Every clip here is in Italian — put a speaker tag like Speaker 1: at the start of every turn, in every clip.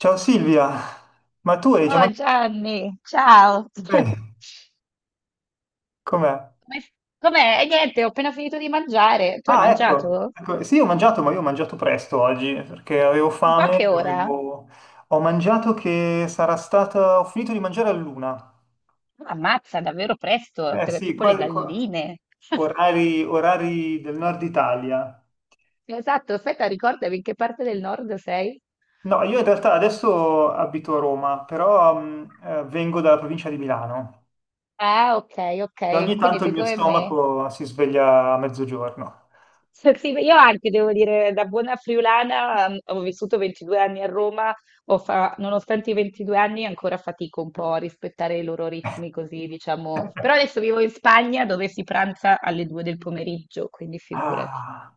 Speaker 1: Ciao Silvia, ma tu hai già
Speaker 2: Oh
Speaker 1: mangiato?
Speaker 2: Gianni, ciao.
Speaker 1: Eh, Com'è?
Speaker 2: Come- Com'è? E niente, ho appena finito di mangiare. Tu hai mangiato?
Speaker 1: Ecco, sì, ho mangiato, ma io ho mangiato presto oggi perché avevo
Speaker 2: Tipo a
Speaker 1: fame,
Speaker 2: che ora?
Speaker 1: ho mangiato che sarà stata, ho finito di mangiare all'una.
Speaker 2: Ah, ammazza, davvero presto,
Speaker 1: Eh sì,
Speaker 2: tipo le galline.
Speaker 1: orari, orari del nord Italia.
Speaker 2: Esatto, aspetta, ricordami in che parte del nord sei?
Speaker 1: No, io in realtà adesso abito a Roma, però vengo dalla provincia di Milano
Speaker 2: Ah, ok,
Speaker 1: e
Speaker 2: ok,
Speaker 1: ogni
Speaker 2: quindi
Speaker 1: tanto
Speaker 2: sei
Speaker 1: il mio
Speaker 2: come me.
Speaker 1: stomaco si sveglia a mezzogiorno.
Speaker 2: S sì, io anche devo dire, da buona friulana, ho vissuto 22 anni a Roma, ho fa nonostante i 22 anni ancora fatico un po' a rispettare i loro ritmi così, diciamo, però adesso vivo in Spagna dove si pranza alle 2 del pomeriggio, quindi figurati.
Speaker 1: Ah,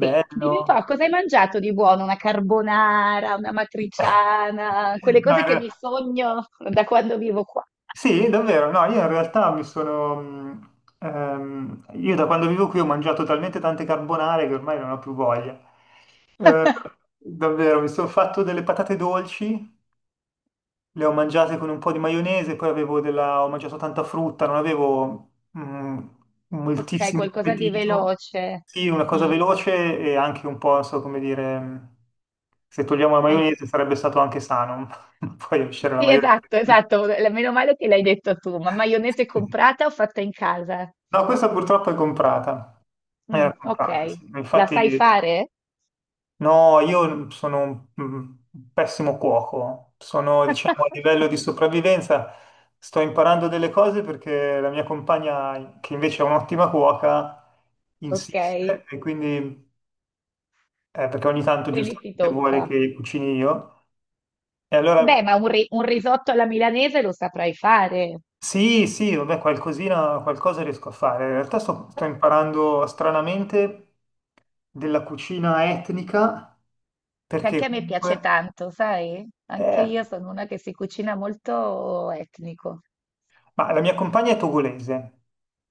Speaker 2: Sì, dimmi un po' cosa hai mangiato di buono? Una carbonara, una matriciana, quelle
Speaker 1: No,
Speaker 2: cose
Speaker 1: in
Speaker 2: che mi
Speaker 1: realtà-
Speaker 2: sogno da quando vivo qua.
Speaker 1: Sì, davvero, no, io in realtà mi sono... io da quando vivo qui ho mangiato talmente tante carbonare che ormai non ho più voglia. Eh, davvero, mi sono fatto delle patate dolci, le ho mangiate con un po' di maionese, poi avevo della... ho mangiato tanta frutta, non avevo
Speaker 2: Okay,
Speaker 1: moltissimo
Speaker 2: qualcosa di
Speaker 1: appetito.
Speaker 2: veloce.
Speaker 1: Sì, una cosa
Speaker 2: Mh,
Speaker 1: veloce e anche un po', non so come dire, se togliamo la
Speaker 2: non t
Speaker 1: maionese sarebbe stato anche sano, ma poi uscire la
Speaker 2: Sì,
Speaker 1: maionese.
Speaker 2: esatto, esatto. Meno male che l'hai detto tu, ma maionese comprata o fatta in casa?
Speaker 1: No, questa purtroppo è comprata.
Speaker 2: Mm,
Speaker 1: Era
Speaker 2: ok,
Speaker 1: comprata, sì.
Speaker 2: la
Speaker 1: Infatti,
Speaker 2: sai fare?
Speaker 1: no, io sono un un pessimo cuoco. Sono, diciamo, a livello di sopravvivenza, sto imparando delle cose perché la mia compagna, che invece è un'ottima cuoca,
Speaker 2: Ok,
Speaker 1: insiste e quindi, perché ogni tanto
Speaker 2: quindi ti
Speaker 1: giustamente vuole
Speaker 2: tocca.
Speaker 1: che cucini io. E
Speaker 2: Beh,
Speaker 1: allora
Speaker 2: ma un risotto alla milanese lo saprai fare.
Speaker 1: sì, sì, vabbè, qualcosina, qualcosa riesco a fare. In realtà sto,
Speaker 2: Che
Speaker 1: sto imparando stranamente della cucina etnica,
Speaker 2: Anche
Speaker 1: perché
Speaker 2: a me piace
Speaker 1: comunque...
Speaker 2: tanto, sai? Anche
Speaker 1: eh,
Speaker 2: io sono una che si cucina molto etnico.
Speaker 1: ma la mia compagna è togolese,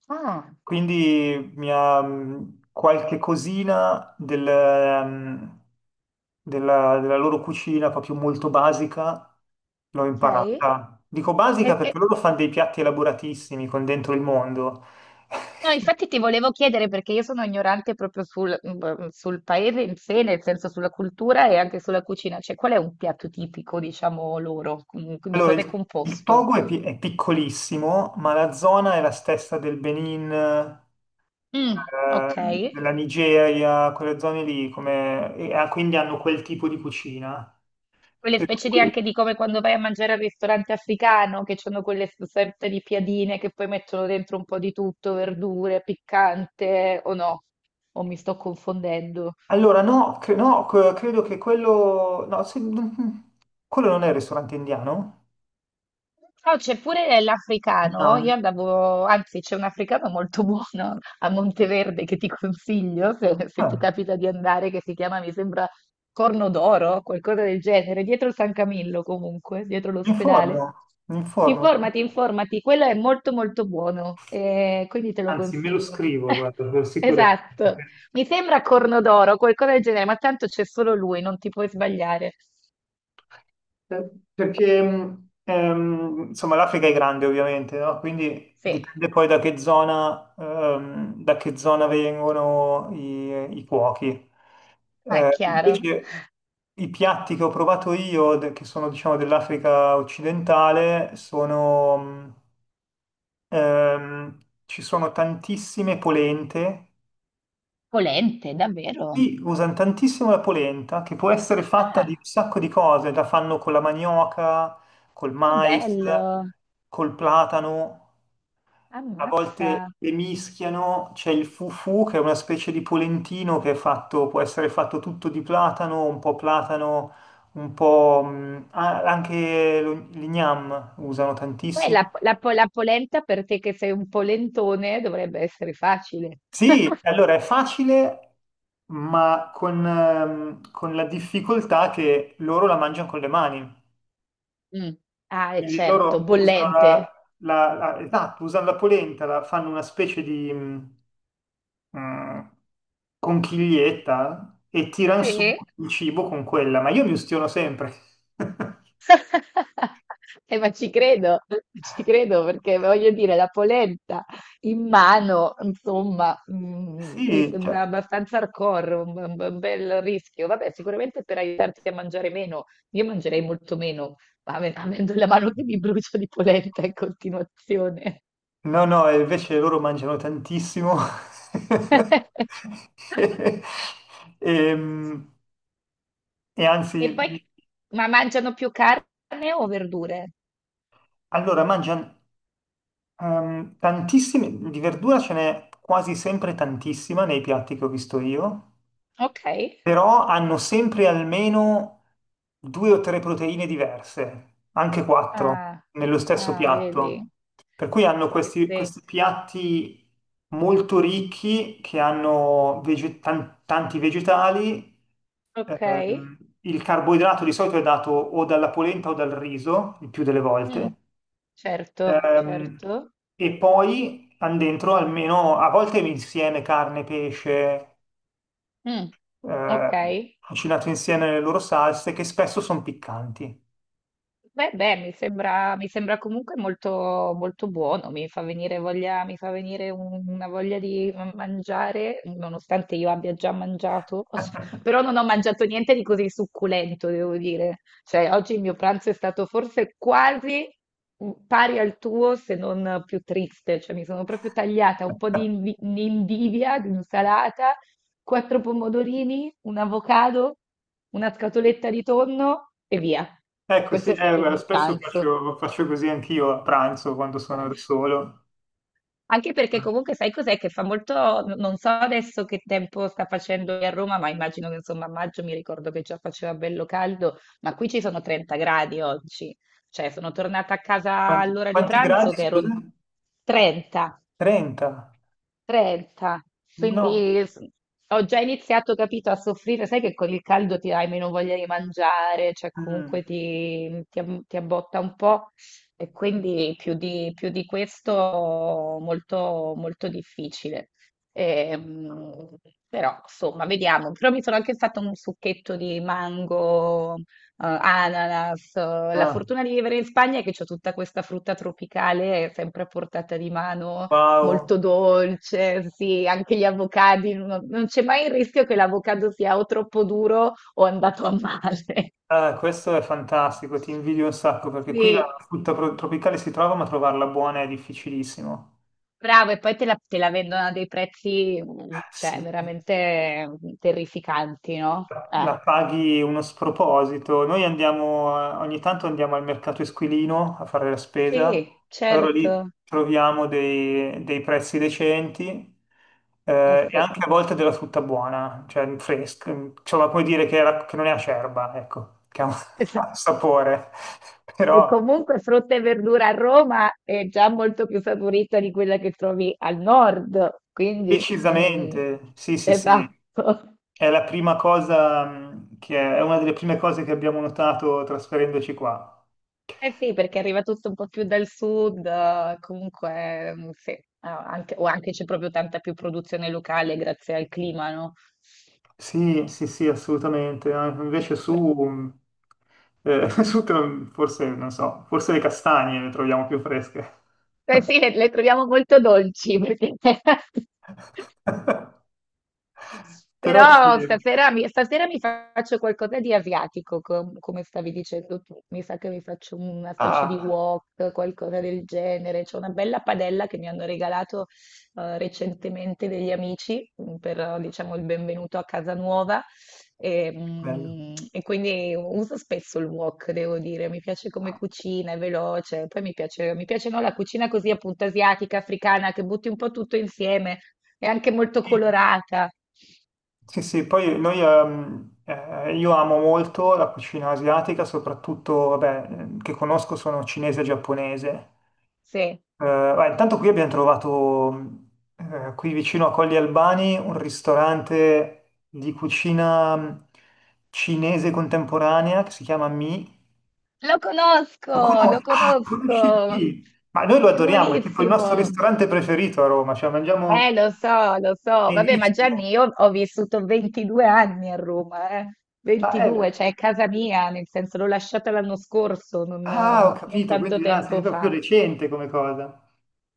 Speaker 2: Ah,
Speaker 1: quindi mi ha qualche cosina della loro cucina, proprio molto basica, l'ho
Speaker 2: ok.
Speaker 1: imparata. Dico
Speaker 2: E,
Speaker 1: basica
Speaker 2: e-
Speaker 1: perché loro fanno dei piatti elaboratissimi con dentro il mondo.
Speaker 2: No, infatti ti volevo chiedere perché io sono ignorante proprio sul, sul paese in sé, nel senso sulla cultura e anche sulla cucina. Cioè, qual è un piatto tipico, diciamo, loro? Di
Speaker 1: Allora,
Speaker 2: cosa è
Speaker 1: il
Speaker 2: composto?
Speaker 1: Togo è, è piccolissimo, ma la zona è la stessa del Benin,
Speaker 2: Mm, ok.
Speaker 1: della Nigeria, quelle zone lì, come, e ah, quindi hanno quel tipo di cucina.
Speaker 2: Quelle
Speaker 1: Per
Speaker 2: specie di
Speaker 1: cui-
Speaker 2: anche di come quando vai a mangiare al ristorante africano, che hanno quelle sorte di piadine che poi mettono dentro un po' di tutto, verdure, piccante, o no? O mi sto confondendo?
Speaker 1: allora, no, cre- no, c- credo che quello... No, quello non è il ristorante indiano?
Speaker 2: No, c'è pure l'africano.
Speaker 1: No,
Speaker 2: Io andavo, anzi, c'è un africano molto buono a Monteverde che ti consiglio se, se ti
Speaker 1: eh,
Speaker 2: capita di andare, che si chiama, mi sembra, Corno d'Oro, qualcosa del genere, dietro San Camillo comunque, dietro
Speaker 1: mi informo,
Speaker 2: l'ospedale.
Speaker 1: mi informo.
Speaker 2: Informati, informati, quello è molto molto buono, quindi te lo
Speaker 1: Anzi, me lo
Speaker 2: consiglio.
Speaker 1: scrivo, guarda, per sicurezza.
Speaker 2: Esatto, mi sembra Corno d'Oro, qualcosa del genere, ma tanto c'è solo lui, non ti puoi sbagliare.
Speaker 1: Perché insomma l'Africa è grande ovviamente, no? Quindi
Speaker 2: Sì,
Speaker 1: dipende poi da che zona vengono i cuochi.
Speaker 2: ma è chiaro.
Speaker 1: Invece i piatti che ho provato io, che sono diciamo dell'Africa occidentale, sono, ehm, ci sono tantissime polente.
Speaker 2: Polente, davvero?
Speaker 1: Qui usano tantissimo la polenta, che può essere fatta di un
Speaker 2: Ah,
Speaker 1: sacco di cose, la fanno con la manioca, col
Speaker 2: che
Speaker 1: mais,
Speaker 2: bello!
Speaker 1: col platano, a
Speaker 2: Ammazza!
Speaker 1: volte le mischiano, c'è il fufu che è una specie di polentino che è fatto, può essere fatto tutto di platano, un po' anche l'ignam usano
Speaker 2: Beh,
Speaker 1: tantissimo.
Speaker 2: la polenta per te che sei un polentone dovrebbe essere facile.
Speaker 1: Sì, allora è facile, ma con la difficoltà che loro la mangiano con le mani.
Speaker 2: Mm. Ah, è
Speaker 1: Quindi
Speaker 2: certo,
Speaker 1: loro usano
Speaker 2: bollente.
Speaker 1: la, esatto, usano la polenta, la fanno una specie di mh, conchiglietta e tirano su
Speaker 2: Sì.
Speaker 1: il cibo con quella, ma io mi ustiono sempre.
Speaker 2: Ma ci credo perché voglio dire, la polenta in mano, insomma, mi
Speaker 1: Sì,
Speaker 2: sembra
Speaker 1: cioè,
Speaker 2: abbastanza hardcore, un bel rischio. Vabbè, sicuramente per aiutarti a mangiare meno, io mangerei molto meno, ma avendo la mano che mi brucia di polenta in continuazione.
Speaker 1: no, no, e invece loro mangiano tantissimo. E, ehm, e
Speaker 2: E
Speaker 1: anzi,
Speaker 2: poi, ma mangiano più carne o verdure?
Speaker 1: allora mangiano tantissime, di verdura ce n'è quasi sempre tantissima nei piatti che ho visto io.
Speaker 2: Ok.
Speaker 1: Però hanno sempre almeno 2 o 3 proteine diverse, anche 4,
Speaker 2: Ah,
Speaker 1: nello stesso
Speaker 2: ah, vedi.
Speaker 1: piatto. Per cui
Speaker 2: Sì,
Speaker 1: hanno
Speaker 2: sì,
Speaker 1: questi,
Speaker 2: sì.
Speaker 1: questi piatti molto ricchi che hanno tanti vegetali.
Speaker 2: Ok.
Speaker 1: Il carboidrato di solito è dato o dalla polenta o dal riso, il più delle
Speaker 2: Mm,
Speaker 1: volte.
Speaker 2: certo,
Speaker 1: Ehm,
Speaker 2: certo.
Speaker 1: e poi hanno dentro almeno, a volte insieme carne, pesce,
Speaker 2: Mm, ok.
Speaker 1: cucinato insieme le loro salse che spesso sono piccanti.
Speaker 2: Beh, beh, mi sembra comunque molto, molto buono, mi fa venire voglia, mi fa venire una voglia di mangiare, nonostante io abbia già mangiato, però non ho mangiato niente di così succulento, devo dire. Cioè, oggi il mio pranzo è stato forse quasi pari al tuo, se non più triste, cioè mi sono proprio tagliata un po' di invidia, di insalata. Quattro pomodorini, un avocado, una scatoletta di tonno e via.
Speaker 1: Ecco, sì,
Speaker 2: Questo è stato il
Speaker 1: guarda,
Speaker 2: mio
Speaker 1: spesso
Speaker 2: pranzo.
Speaker 1: faccio così anch'io a pranzo quando sono da solo.
Speaker 2: Anche perché comunque sai cos'è che fa molto, non so adesso che tempo sta facendo qui a Roma, ma immagino che insomma a maggio mi ricordo che già faceva bello caldo, ma qui ci sono 30 gradi oggi, cioè sono tornata a casa
Speaker 1: Quanti,
Speaker 2: all'ora di
Speaker 1: quanti
Speaker 2: pranzo
Speaker 1: gradi,
Speaker 2: che ero in
Speaker 1: scusa?
Speaker 2: 30.
Speaker 1: 30?
Speaker 2: 30,
Speaker 1: No.
Speaker 2: quindi ho già iniziato, capito, a soffrire, sai che con il caldo ti hai meno voglia di mangiare, cioè
Speaker 1: Mm.
Speaker 2: comunque ti abbotta un po' e quindi più di questo molto, molto difficile. Ehm, però insomma, vediamo, però mi sono anche fatto un succhetto di mango, ananas, la
Speaker 1: Ah,
Speaker 2: fortuna di vivere in Spagna è che c'ho tutta questa frutta tropicale sempre a portata di mano
Speaker 1: wow.
Speaker 2: molto dolce, sì, anche gli avocadi, non c'è mai il rischio che l'avocado sia o troppo duro o è andato a male.
Speaker 1: Ah, questo è fantastico, ti invidio un sacco perché qui la
Speaker 2: Sì,
Speaker 1: frutta tropicale si trova, ma trovarla buona è difficilissimo.
Speaker 2: bravo, e poi te la vendono a dei prezzi,
Speaker 1: Ah,
Speaker 2: cioè,
Speaker 1: sì.
Speaker 2: veramente terrificanti, no?
Speaker 1: La paghi uno sproposito. Noi andiamo, ogni tanto andiamo al mercato Esquilino a fare la spesa,
Speaker 2: Sì,
Speaker 1: allora lì
Speaker 2: certo,
Speaker 1: troviamo dei prezzi decenti.
Speaker 2: eh
Speaker 1: Eh, e
Speaker 2: sì.
Speaker 1: anche a volte della frutta buona, cioè fresca, insomma, puoi dire che, che non è acerba, ecco, che ha un ha un sapore,
Speaker 2: E
Speaker 1: però
Speaker 2: comunque frutta e verdura a Roma è già molto più saporita di quella che trovi al nord, quindi
Speaker 1: decisamente, sì, sì, sì,
Speaker 2: esatto.
Speaker 1: è la prima cosa mm, che è una delle prime cose che abbiamo notato trasferendoci qua.
Speaker 2: Eh sì, perché arriva tutto un po' più dal sud, comunque sì, ah, o anche c'è proprio tanta più produzione locale grazie al clima, no?
Speaker 1: Sì, sì, sì, assolutamente. Ah, invece
Speaker 2: Per-
Speaker 1: su, su te forse, non so, forse le castagne le troviamo più fresche.
Speaker 2: Eh sì, le troviamo molto dolci perché sì.
Speaker 1: Però sì,
Speaker 2: Però stasera mi faccio qualcosa di asiatico, come stavi dicendo tu. Mi sa che mi faccio una specie di
Speaker 1: ah,
Speaker 2: wok, qualcosa del genere. C'è una bella padella che mi hanno regalato recentemente degli amici per, diciamo, il benvenuto a casa nuova. E,
Speaker 1: bello.
Speaker 2: mm, e quindi uso spesso il wok, devo dire. Mi piace come cucina, è veloce. Poi mi piace, no, la cucina così appunto asiatica, africana, che butti un po' tutto insieme. È anche molto colorata.
Speaker 1: Sì, sì, poi noi, io amo molto la cucina asiatica, soprattutto, vabbè, che conosco sono cinese e giapponese.
Speaker 2: Sì,
Speaker 1: Beh, intanto qui abbiamo trovato, qui vicino a Colli Albani, un ristorante di cucina cinese contemporanea che si chiama Mi. Lo
Speaker 2: lo
Speaker 1: conosci? Ah, conosci
Speaker 2: conosco,
Speaker 1: Mi? Ma noi lo
Speaker 2: è
Speaker 1: adoriamo, è tipo il nostro
Speaker 2: buonissimo.
Speaker 1: ristorante preferito a Roma, cioè mangiamo
Speaker 2: Lo so, lo so. Vabbè, ma Gianni,
Speaker 1: benissimo.
Speaker 2: io ho vissuto 22 anni a Roma, eh.
Speaker 1: Ah,
Speaker 2: 22, cioè è casa mia, nel senso l'ho lasciata l'anno scorso, non,
Speaker 1: ah, ho
Speaker 2: non
Speaker 1: capito,
Speaker 2: tanto
Speaker 1: quindi ah, sei
Speaker 2: tempo
Speaker 1: proprio
Speaker 2: fa.
Speaker 1: recente come cosa.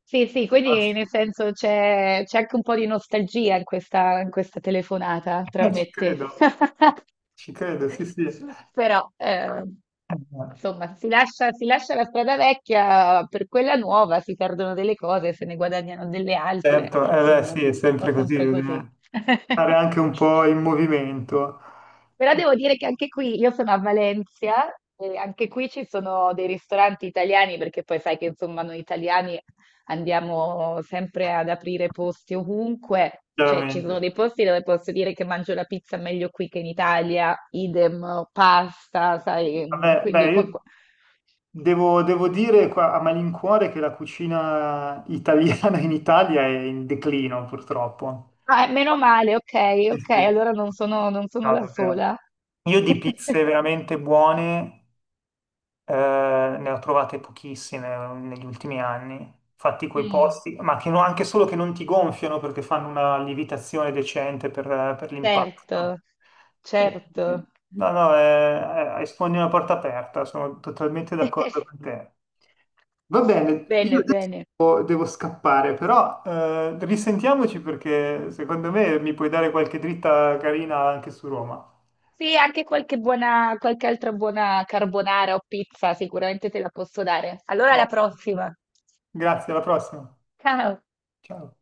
Speaker 2: Sì, sì,
Speaker 1: Ah,
Speaker 2: quindi
Speaker 1: sì.
Speaker 2: nel senso c'è anche un po' di nostalgia in questa, telefonata tra
Speaker 1: Eh,
Speaker 2: me
Speaker 1: ci
Speaker 2: e te.
Speaker 1: credo, ci credo, sì, sì.
Speaker 2: Però,
Speaker 1: Eh,
Speaker 2: insomma, si lascia la strada vecchia per quella nuova, si perdono delle cose, se ne guadagnano delle altre,
Speaker 1: certo, eh beh,
Speaker 2: insomma,
Speaker 1: sì, è
Speaker 2: un po'
Speaker 1: sempre così,
Speaker 2: sempre così.
Speaker 1: bisogna stare anche un po' in movimento,
Speaker 2: Però devo dire che anche qui, io sono a Valencia e anche qui ci sono dei ristoranti italiani, perché poi sai che insomma noi italiani andiamo sempre ad aprire posti ovunque, cioè ci
Speaker 1: chiaramente.
Speaker 2: sono dei posti dove posso dire che mangio la pizza meglio qui che in Italia, idem pasta, sai, mm,
Speaker 1: Vabbè,
Speaker 2: quindi
Speaker 1: beh, io
Speaker 2: qualco-
Speaker 1: devo dire qua a malincuore che la cucina italiana in Italia è in declino, purtroppo.
Speaker 2: Ah, meno male, ok,
Speaker 1: Sì,
Speaker 2: ok,
Speaker 1: sì, no,
Speaker 2: allora non sono, non sono la
Speaker 1: davvero.
Speaker 2: sola.
Speaker 1: Io di pizze veramente buone. Ne ho trovate pochissime negli ultimi anni. Fatti quei
Speaker 2: Mm,
Speaker 1: posti, ma che no- anche solo che non ti gonfiano perché fanno una lievitazione decente per l'impasto.
Speaker 2: certo,
Speaker 1: Eh, eh,
Speaker 2: certo.
Speaker 1: no, no, sfondi una porta aperta, sono totalmente d'accordo con te. Va bene, io
Speaker 2: Bene,
Speaker 1: adesso
Speaker 2: bene.
Speaker 1: devo scappare, però risentiamoci perché secondo me mi puoi dare qualche dritta carina anche su Roma.
Speaker 2: Sì, anche qualche buona, qualche altra buona carbonara o pizza sicuramente te la posso dare. Allora alla
Speaker 1: No.
Speaker 2: prossima.
Speaker 1: Grazie, alla prossima.
Speaker 2: Ciao.
Speaker 1: Ciao.